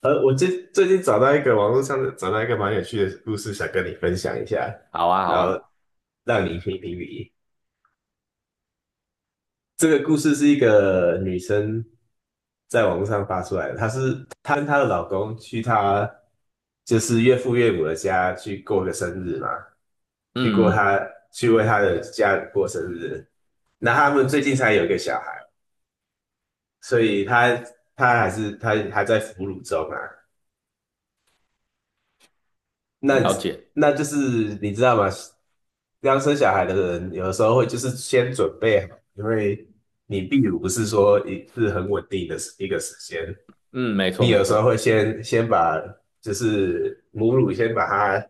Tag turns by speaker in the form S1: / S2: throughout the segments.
S1: 我最近找到一个网络上的找到一个蛮有趣的故事，想跟你分享一下，
S2: 好啊，好
S1: 然后
S2: 啊，
S1: 让你评评理。这个故事是一个女生在网络上发出来的，她跟她的老公去就是岳父岳母的家去过个生日嘛，去过
S2: 嗯，
S1: 她去为她的家人过生日。那他们最近才有一个小孩，所以她还在哺乳中啊。那
S2: 了解，
S1: 那就是你知道吗？刚生小孩的人，有的时候会就是先准备好，因为你泌乳不是说很稳定的时一个时间，
S2: 嗯，没错，
S1: 你
S2: 没
S1: 有时候会
S2: 错，
S1: 先把就是母乳先把它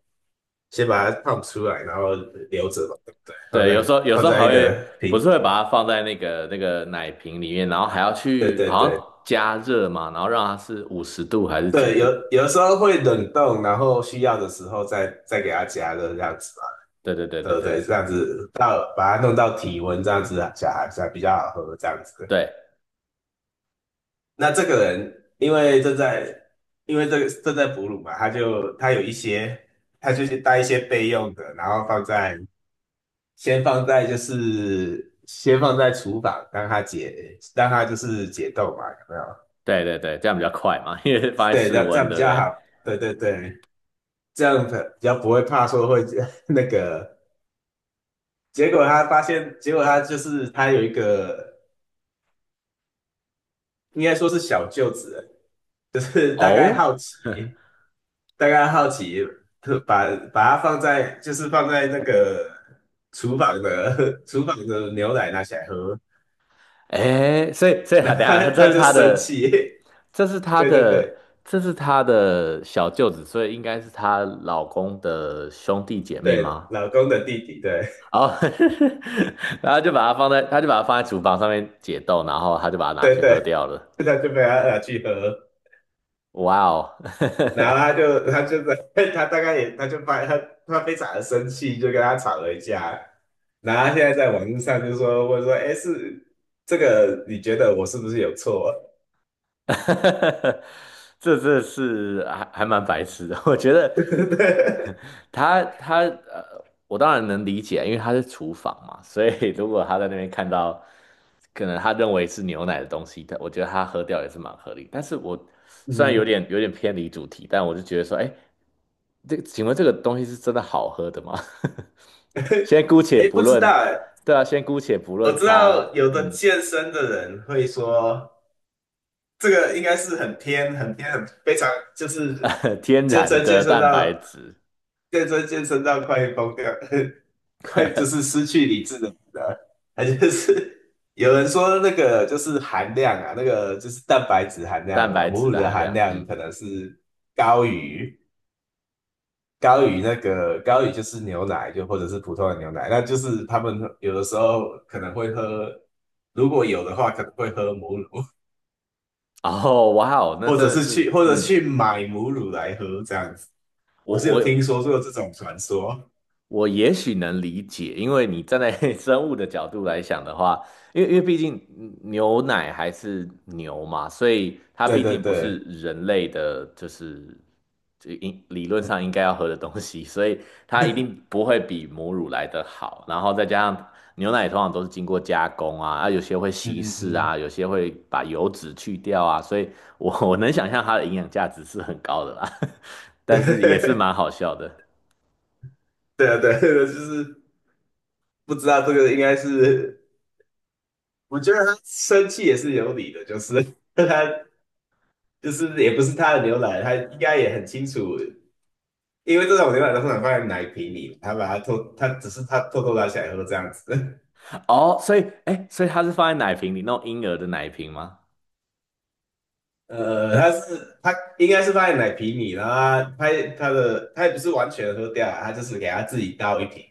S1: 先把它放出来，然后留着嘛，对不对？放
S2: 对，有
S1: 在
S2: 时候有时
S1: 放
S2: 候
S1: 在
S2: 还
S1: 一
S2: 会
S1: 个瓶
S2: 不是
S1: 子
S2: 会
S1: 里。
S2: 把它放在那个奶瓶里面，然后还要
S1: 对
S2: 去
S1: 对
S2: 好像
S1: 对
S2: 加热嘛，然后让它是50度还是几
S1: 对，有
S2: 度？
S1: 有的时候会冷冻，然后需要的时候再给它加热这样子嘛，
S2: 对对对
S1: 对
S2: 对
S1: 不
S2: 对
S1: 对？这样子到把它弄到体温这样子啊，小孩才比较好喝这样子。
S2: 对
S1: 那这个人因为正在这个正在哺乳嘛，他有一些，他就是带一些备用的，然后放在先放在就是先放在厨房，让他就是解冻嘛，有没有？
S2: 对对对，这样比较快嘛，因为放在
S1: 对，这
S2: 室
S1: 样这
S2: 温，
S1: 样比
S2: 对不
S1: 较
S2: 对？
S1: 好。对对对，这样比较不会怕说会 那个。结果他发现，结果他就是他有一个应该说是小舅子，就是大概好
S2: 哦，
S1: 奇。大概好奇，把把它放在就是放在那个厨房的 厨房的牛奶拿起来喝。
S2: 哎，所以所 以
S1: 那
S2: 他等一
S1: 他
S2: 下，
S1: 他就生气。
S2: 这是 他
S1: 对对对
S2: 的，这是他的小舅子，所以应该是她老公的兄弟姐妹
S1: 对，
S2: 吗？
S1: 老公的弟弟，对。
S2: 哦，然后就把它放在，他就把它放在厨房上面解冻，然后他就把 它拿
S1: 对，
S2: 去喝掉了。
S1: 他就被他拿去喝。
S2: 哇哦，
S1: 然后他就在 他大概也他就发他他非常的生气，就跟他吵了一架，然后他现在在网络上就说，哎，这个你觉得我是不是有错？
S2: 这是还蛮白痴的。我觉得 他他呃，我当然能理解啊，因为他是厨房嘛，所以如果他在那边看到可能他认为是牛奶的东西，我觉得他喝掉也是蛮合理。但是虽然有
S1: 嗯。
S2: 点有点偏离主题，但我就觉得说，哎，请问这个东西是真的好喝的吗？先姑且
S1: 哎，
S2: 不
S1: 不知道
S2: 论，
S1: 哎。
S2: 对啊，先姑且不
S1: 我
S2: 论
S1: 知
S2: 它，
S1: 道有的
S2: 嗯，
S1: 健身的人会说，这个应该是很偏、很偏、很非常，就是
S2: 天
S1: 健
S2: 然
S1: 身健
S2: 的
S1: 身
S2: 蛋
S1: 到
S2: 白质，
S1: 健身健身到快疯掉。快就是失去理智的人啊，他就是有人说那个就是含量啊，那个就是蛋白质含量
S2: 蛋
S1: 啊、
S2: 白
S1: 母
S2: 质
S1: 乳
S2: 的
S1: 的
S2: 含
S1: 含
S2: 量，
S1: 量
S2: 嗯，
S1: 可能是高于。高于就是牛奶，就或者是普通的牛奶，那就是他们有的时候可能会喝，如果有的话可能会喝母乳，
S2: 哦，哇哦，那真的是，
S1: 或者
S2: 嗯，
S1: 去买母乳来喝这样子。我
S2: 我
S1: 是有
S2: 我
S1: 听说过这种传说。
S2: 我也许能理解，因为你站在 生物的角度来想的话，因为毕竟牛奶还是牛嘛，所以它
S1: 对
S2: 毕
S1: 对
S2: 竟不是
S1: 对，
S2: 人类的，就是应理论上应该要喝的东西，所以它一定不会比母乳来的好。然后再加上牛奶通常都是经过加工啊，有些会
S1: 嗯
S2: 稀
S1: 嗯
S2: 释
S1: 嗯。
S2: 啊，有些会把油脂去掉啊，所以我能想象它的营养价值是很高的啦，但 是也是蛮好笑的。
S1: 对啊对啊，就是不知道这个应该是，我觉得他生气也是有理的，就是 他就是也不是他的牛奶，他应该也很清楚，因为这种牛奶都通常放在奶瓶里，他只是偷偷拿起来喝这样子。
S2: 哦，所以，哎，所以它是放在奶瓶里，那种婴儿的奶瓶吗？
S1: 他应该是放在奶瓶里，然后他他也不是完全喝掉啊，他就是给他自己倒一瓶，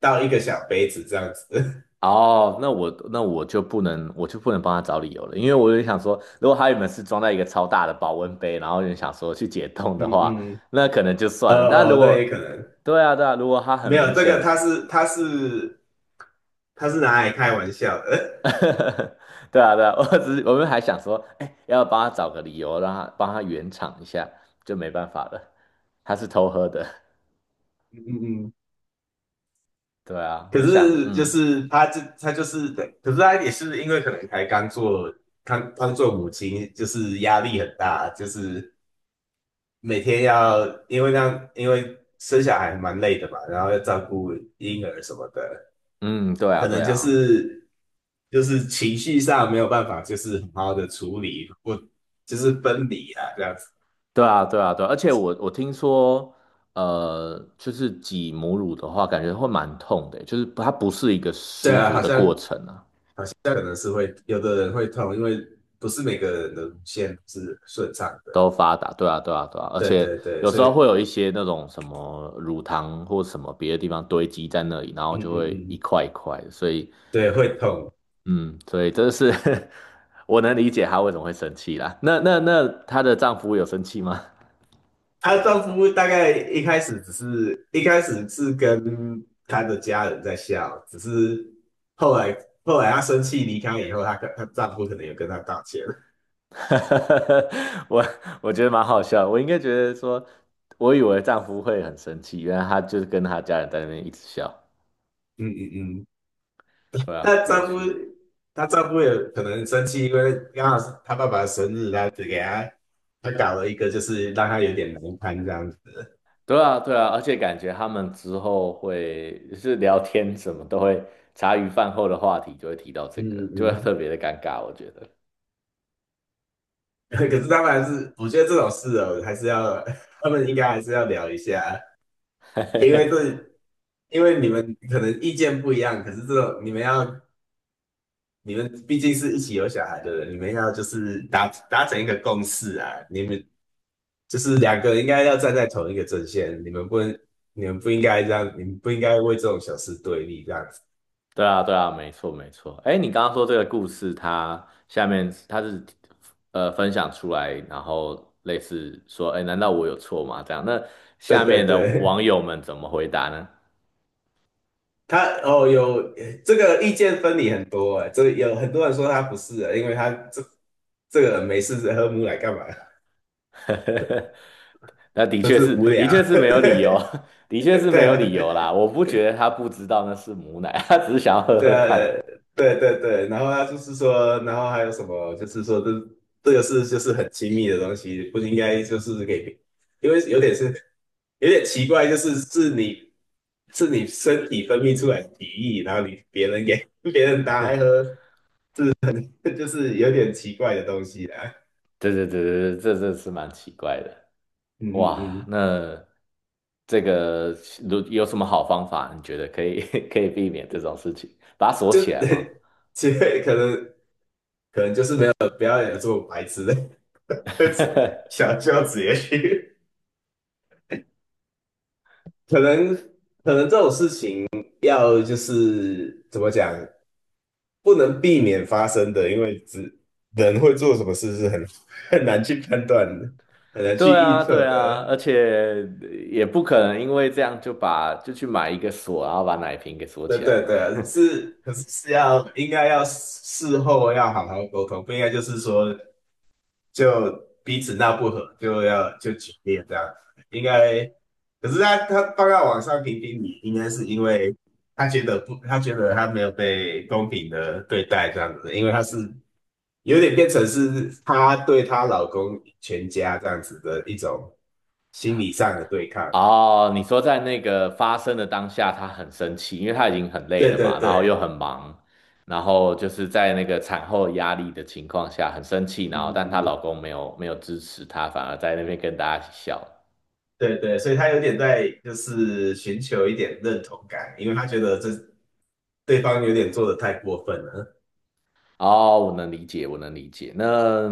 S1: 倒一个小杯子这样子。
S2: 哦，那我就不能帮他找理由了，因为我就想说，如果他原本是装在一个超大的保温杯，然后就想说去解 冻的
S1: 嗯
S2: 话，
S1: 嗯。
S2: 那可能就
S1: 哦
S2: 算了。但如
S1: 哦，那
S2: 果，
S1: 也可能
S2: 对啊，对啊，如果他很
S1: 没有
S2: 明
S1: 这个，
S2: 显，
S1: 他是拿来开玩笑的。
S2: 对啊，对啊，我只是我们还想说，哎，要帮他找个理由，让他帮他圆场一下，就没办法了，他是偷喝的。
S1: 嗯嗯嗯，
S2: 对啊，我
S1: 可
S2: 就想，
S1: 是就
S2: 嗯
S1: 是他就是对，可是他也是因为可能才刚做刚刚做母亲，就是压力很大，就是。每天要，因为生小孩蛮累的嘛，然后要照顾婴儿什么的，
S2: 嗯，对啊，
S1: 可能
S2: 对
S1: 就
S2: 啊，
S1: 是情绪上没有办法，就是好好的处理，或就是分离啊，这样子。
S2: 对啊，对啊，对啊，而且我听说，就是挤母乳的话，感觉会蛮痛的欸，就是它不是一个
S1: 对
S2: 舒
S1: 啊，
S2: 服的过程啊，
S1: 好像可能是会有的人会痛，因为不是每个人的乳腺是顺畅的。
S2: 都发达，对啊，对啊，对啊，而
S1: 对
S2: 且
S1: 对对，
S2: 有时
S1: 所以
S2: 候会有一些那种什么乳糖或什么别的地方堆积在那里，然后
S1: 嗯嗯
S2: 就会一
S1: 嗯，
S2: 块一块的，所以，
S1: 对，会痛。
S2: 嗯，所以真的是 我能理解她为什么会生气啦。那她的丈夫有生气吗？
S1: 她丈夫大概一开始是跟她的家人在笑，只是后来她生气离开以后，她跟她丈夫可能有跟她道歉。
S2: 我我觉得蛮好笑的我应该觉得说，我以为丈夫会很生气，原来他就是跟他家人在那边一直笑。
S1: 嗯嗯嗯，
S2: 对啊，
S1: 她
S2: 有
S1: 丈夫
S2: 趣。
S1: 她丈夫也可能生气，因为刚好是她爸爸的生日，她搞了一个，就是让她有点难堪这样子。
S2: 对啊，对啊，而且感觉他们之后会就是聊天什么都会，茶余饭后的话题就会提到这个，
S1: 嗯
S2: 就会特
S1: 嗯。
S2: 别的尴尬，我觉得。
S1: 可是他们还是，我觉得这种事哦，还是要他们应该还是要聊一下，因为 因为你们可能意见不一样，可是这种你们要，你们毕竟是一起有小孩的人，你们要就是达成一个共识啊，你们就是两个应该要站在同一个阵线，你们不应该这样，你们不应该为这种小事对立这样子。
S2: 对啊，对啊，没错，没错。哎，你刚刚说这个故事，它下面是分享出来，然后类似说，哎，难道我有错吗？这样，那
S1: 对
S2: 下面
S1: 对
S2: 的网
S1: 对，
S2: 友们怎么回答呢？
S1: 有这个意见分歧很多哎，这个有很多人说他不是啊，因为这个人没事喝母奶干嘛？
S2: 那的
S1: 就
S2: 确
S1: 是
S2: 是，
S1: 无
S2: 的
S1: 聊。
S2: 确 是没有理由，
S1: 对
S2: 的确是没有理
S1: 对。
S2: 由啦。我不觉得他不知道那是母奶，他只是想要喝
S1: 对
S2: 喝
S1: 啊，
S2: 看。
S1: 对对对，然后他就是说，然后还有什么，就是说这个是就是很亲密的东西，不应该就是给别，因为有点奇怪，就是是你身体分泌出来的体液，然后你别人给 别人拿来喝。就是有点奇怪的东西啦。
S2: 对对对对对，这是蛮奇怪的。
S1: 嗯嗯
S2: 哇，
S1: 嗯。
S2: 那这个如有什么好方法？你觉得可以 可以避免这种事情？把它锁
S1: 就
S2: 起来吗？
S1: 其实可能就是没有不要有这么白痴的 小孝子也去。可能可能这种事情要就是怎么讲，不能避免发生的，因为只人会做什么事是很 很难去判断的，很难去
S2: 对
S1: 预
S2: 啊，对
S1: 测
S2: 啊，而
S1: 的。
S2: 且也不可能因为这样就去买一个锁，然后把奶瓶给锁
S1: 对
S2: 起来
S1: 对
S2: 嘛。
S1: 对，可是应该要事后要好好沟通，不应该就是说就彼此闹不和，就决裂这样。应该，可是他放到网上评评理，应该是因为他觉得不，他觉得他没有被公平的对待这样子，因为他是有点变成是他对她老公全家这样子的一种心理上的对抗。
S2: 哦，你说在那个发生的当下，她很生气，因为她已经很累
S1: 对
S2: 了
S1: 对
S2: 嘛，然后又
S1: 对，
S2: 很忙，然后就是在那个产后压力的情况下很生气，然后
S1: 嗯
S2: 但她老
S1: 嗯，
S2: 公没有支持她，反而在那边跟大家一起笑。
S1: 对对，所以他有点在就是寻求一点认同感，因为他觉得对方有点做的太过分了。
S2: 哦，我能理解，我能理解。那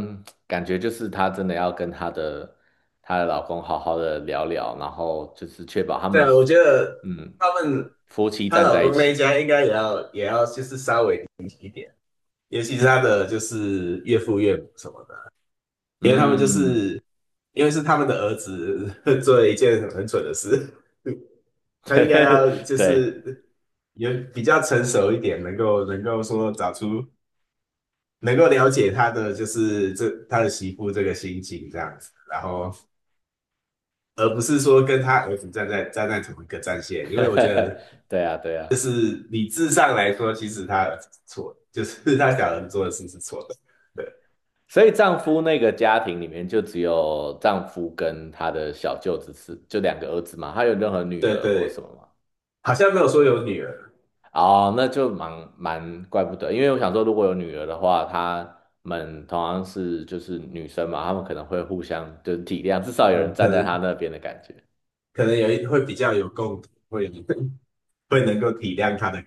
S2: 感觉就是她真的要跟她的老公好好的聊聊，然后就是确保他
S1: 对
S2: 们
S1: 啊，我觉得
S2: 嗯
S1: 他们
S2: 夫妻
S1: 她
S2: 站
S1: 老
S2: 在一
S1: 公那一
S2: 起。
S1: 家应该也要也要就是稍微，尤其是她的就是岳父岳母什么的，因为他们就
S2: 嗯，
S1: 是因为是他们的儿子 做了一件很蠢的事。他应该要 就
S2: 对，
S1: 是有比较成熟一点，能够说找出能够了解他的就是他的媳妇这个心情这样子，然后而不是说跟他儿子站在同一个战线，因为我觉得。
S2: 对啊，对啊。
S1: 就是理智上来说，其实他儿子是错的，就是他小人做的事是错的。
S2: 所以丈夫那个家庭里面就只有丈夫跟他的小舅子就两个儿子嘛，他有任何女
S1: 对
S2: 儿
S1: 对
S2: 或什么
S1: 对，
S2: 吗？
S1: 好像没有说有女儿。
S2: 哦，那就怪不得，因为我想说，如果有女儿的话，她们同样是就是女生嘛，她们可能会互相就是体谅，至少有人
S1: 嗯，
S2: 站在她那边的感觉。
S1: 可能会比较有共鸣，会 会能够体谅他的。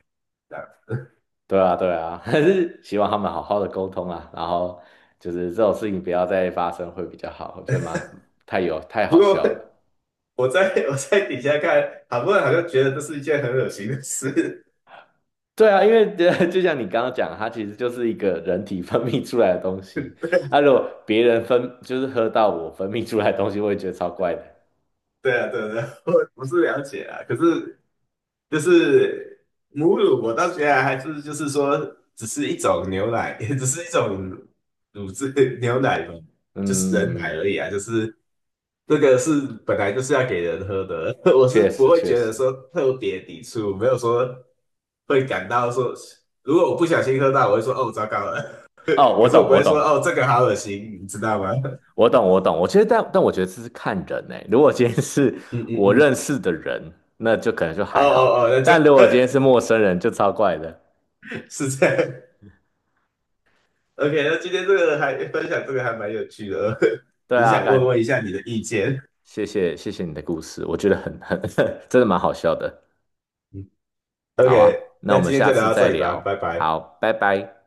S2: 对啊，对啊，还是希望他们好好的沟通啊，然后就是这种事情不要再发生会比较好，我觉得蛮太有太
S1: 不
S2: 好
S1: 过
S2: 笑了。
S1: 我在底下看，好多人好像觉得这是一件很恶心的事。
S2: 对啊，因为 就像你刚刚讲，它其实就是一个人体分泌出来的东西，啊，如果别人就是喝到我分泌出来的东西，我也觉得超怪的。
S1: 对啊，对啊对啊，我不是了解啊，可是就是母乳，我倒觉得还是就是说，只是一种牛奶。只是一种乳制牛奶嘛，就是人奶
S2: 嗯，
S1: 而已啊，就是这个是本来就是要给人喝的。我是
S2: 确
S1: 不
S2: 实
S1: 会
S2: 确
S1: 觉得
S2: 实，
S1: 说特别抵触，没有说会感到说，如果我不小心喝到，我会说哦糟糕了。
S2: 哦，
S1: 可
S2: 我
S1: 是我
S2: 懂，
S1: 不
S2: 我
S1: 会
S2: 懂，
S1: 说哦这个好恶心，你知道吗？
S2: 我懂，我懂。我觉得，但我觉得这是看人呢、如果今天是
S1: 嗯嗯
S2: 我认
S1: 嗯，
S2: 识的人，那就可能就
S1: 哦
S2: 还好；
S1: 哦哦，那就
S2: 但如果今天是陌生人，就超怪的。
S1: 是这样。OK，那今天这个还分享这个还蛮有趣的。
S2: 对
S1: 只是
S2: 啊，
S1: 想问问一
S2: 干，
S1: 下你的意见。
S2: 谢谢谢谢你的故事，我觉得很很 真的蛮好笑的。
S1: OK，
S2: 好啊，那我
S1: 那
S2: 们
S1: 今天
S2: 下
S1: 就
S2: 次
S1: 聊到
S2: 再
S1: 这里吧，拜
S2: 聊。
S1: 拜。
S2: 好，拜拜。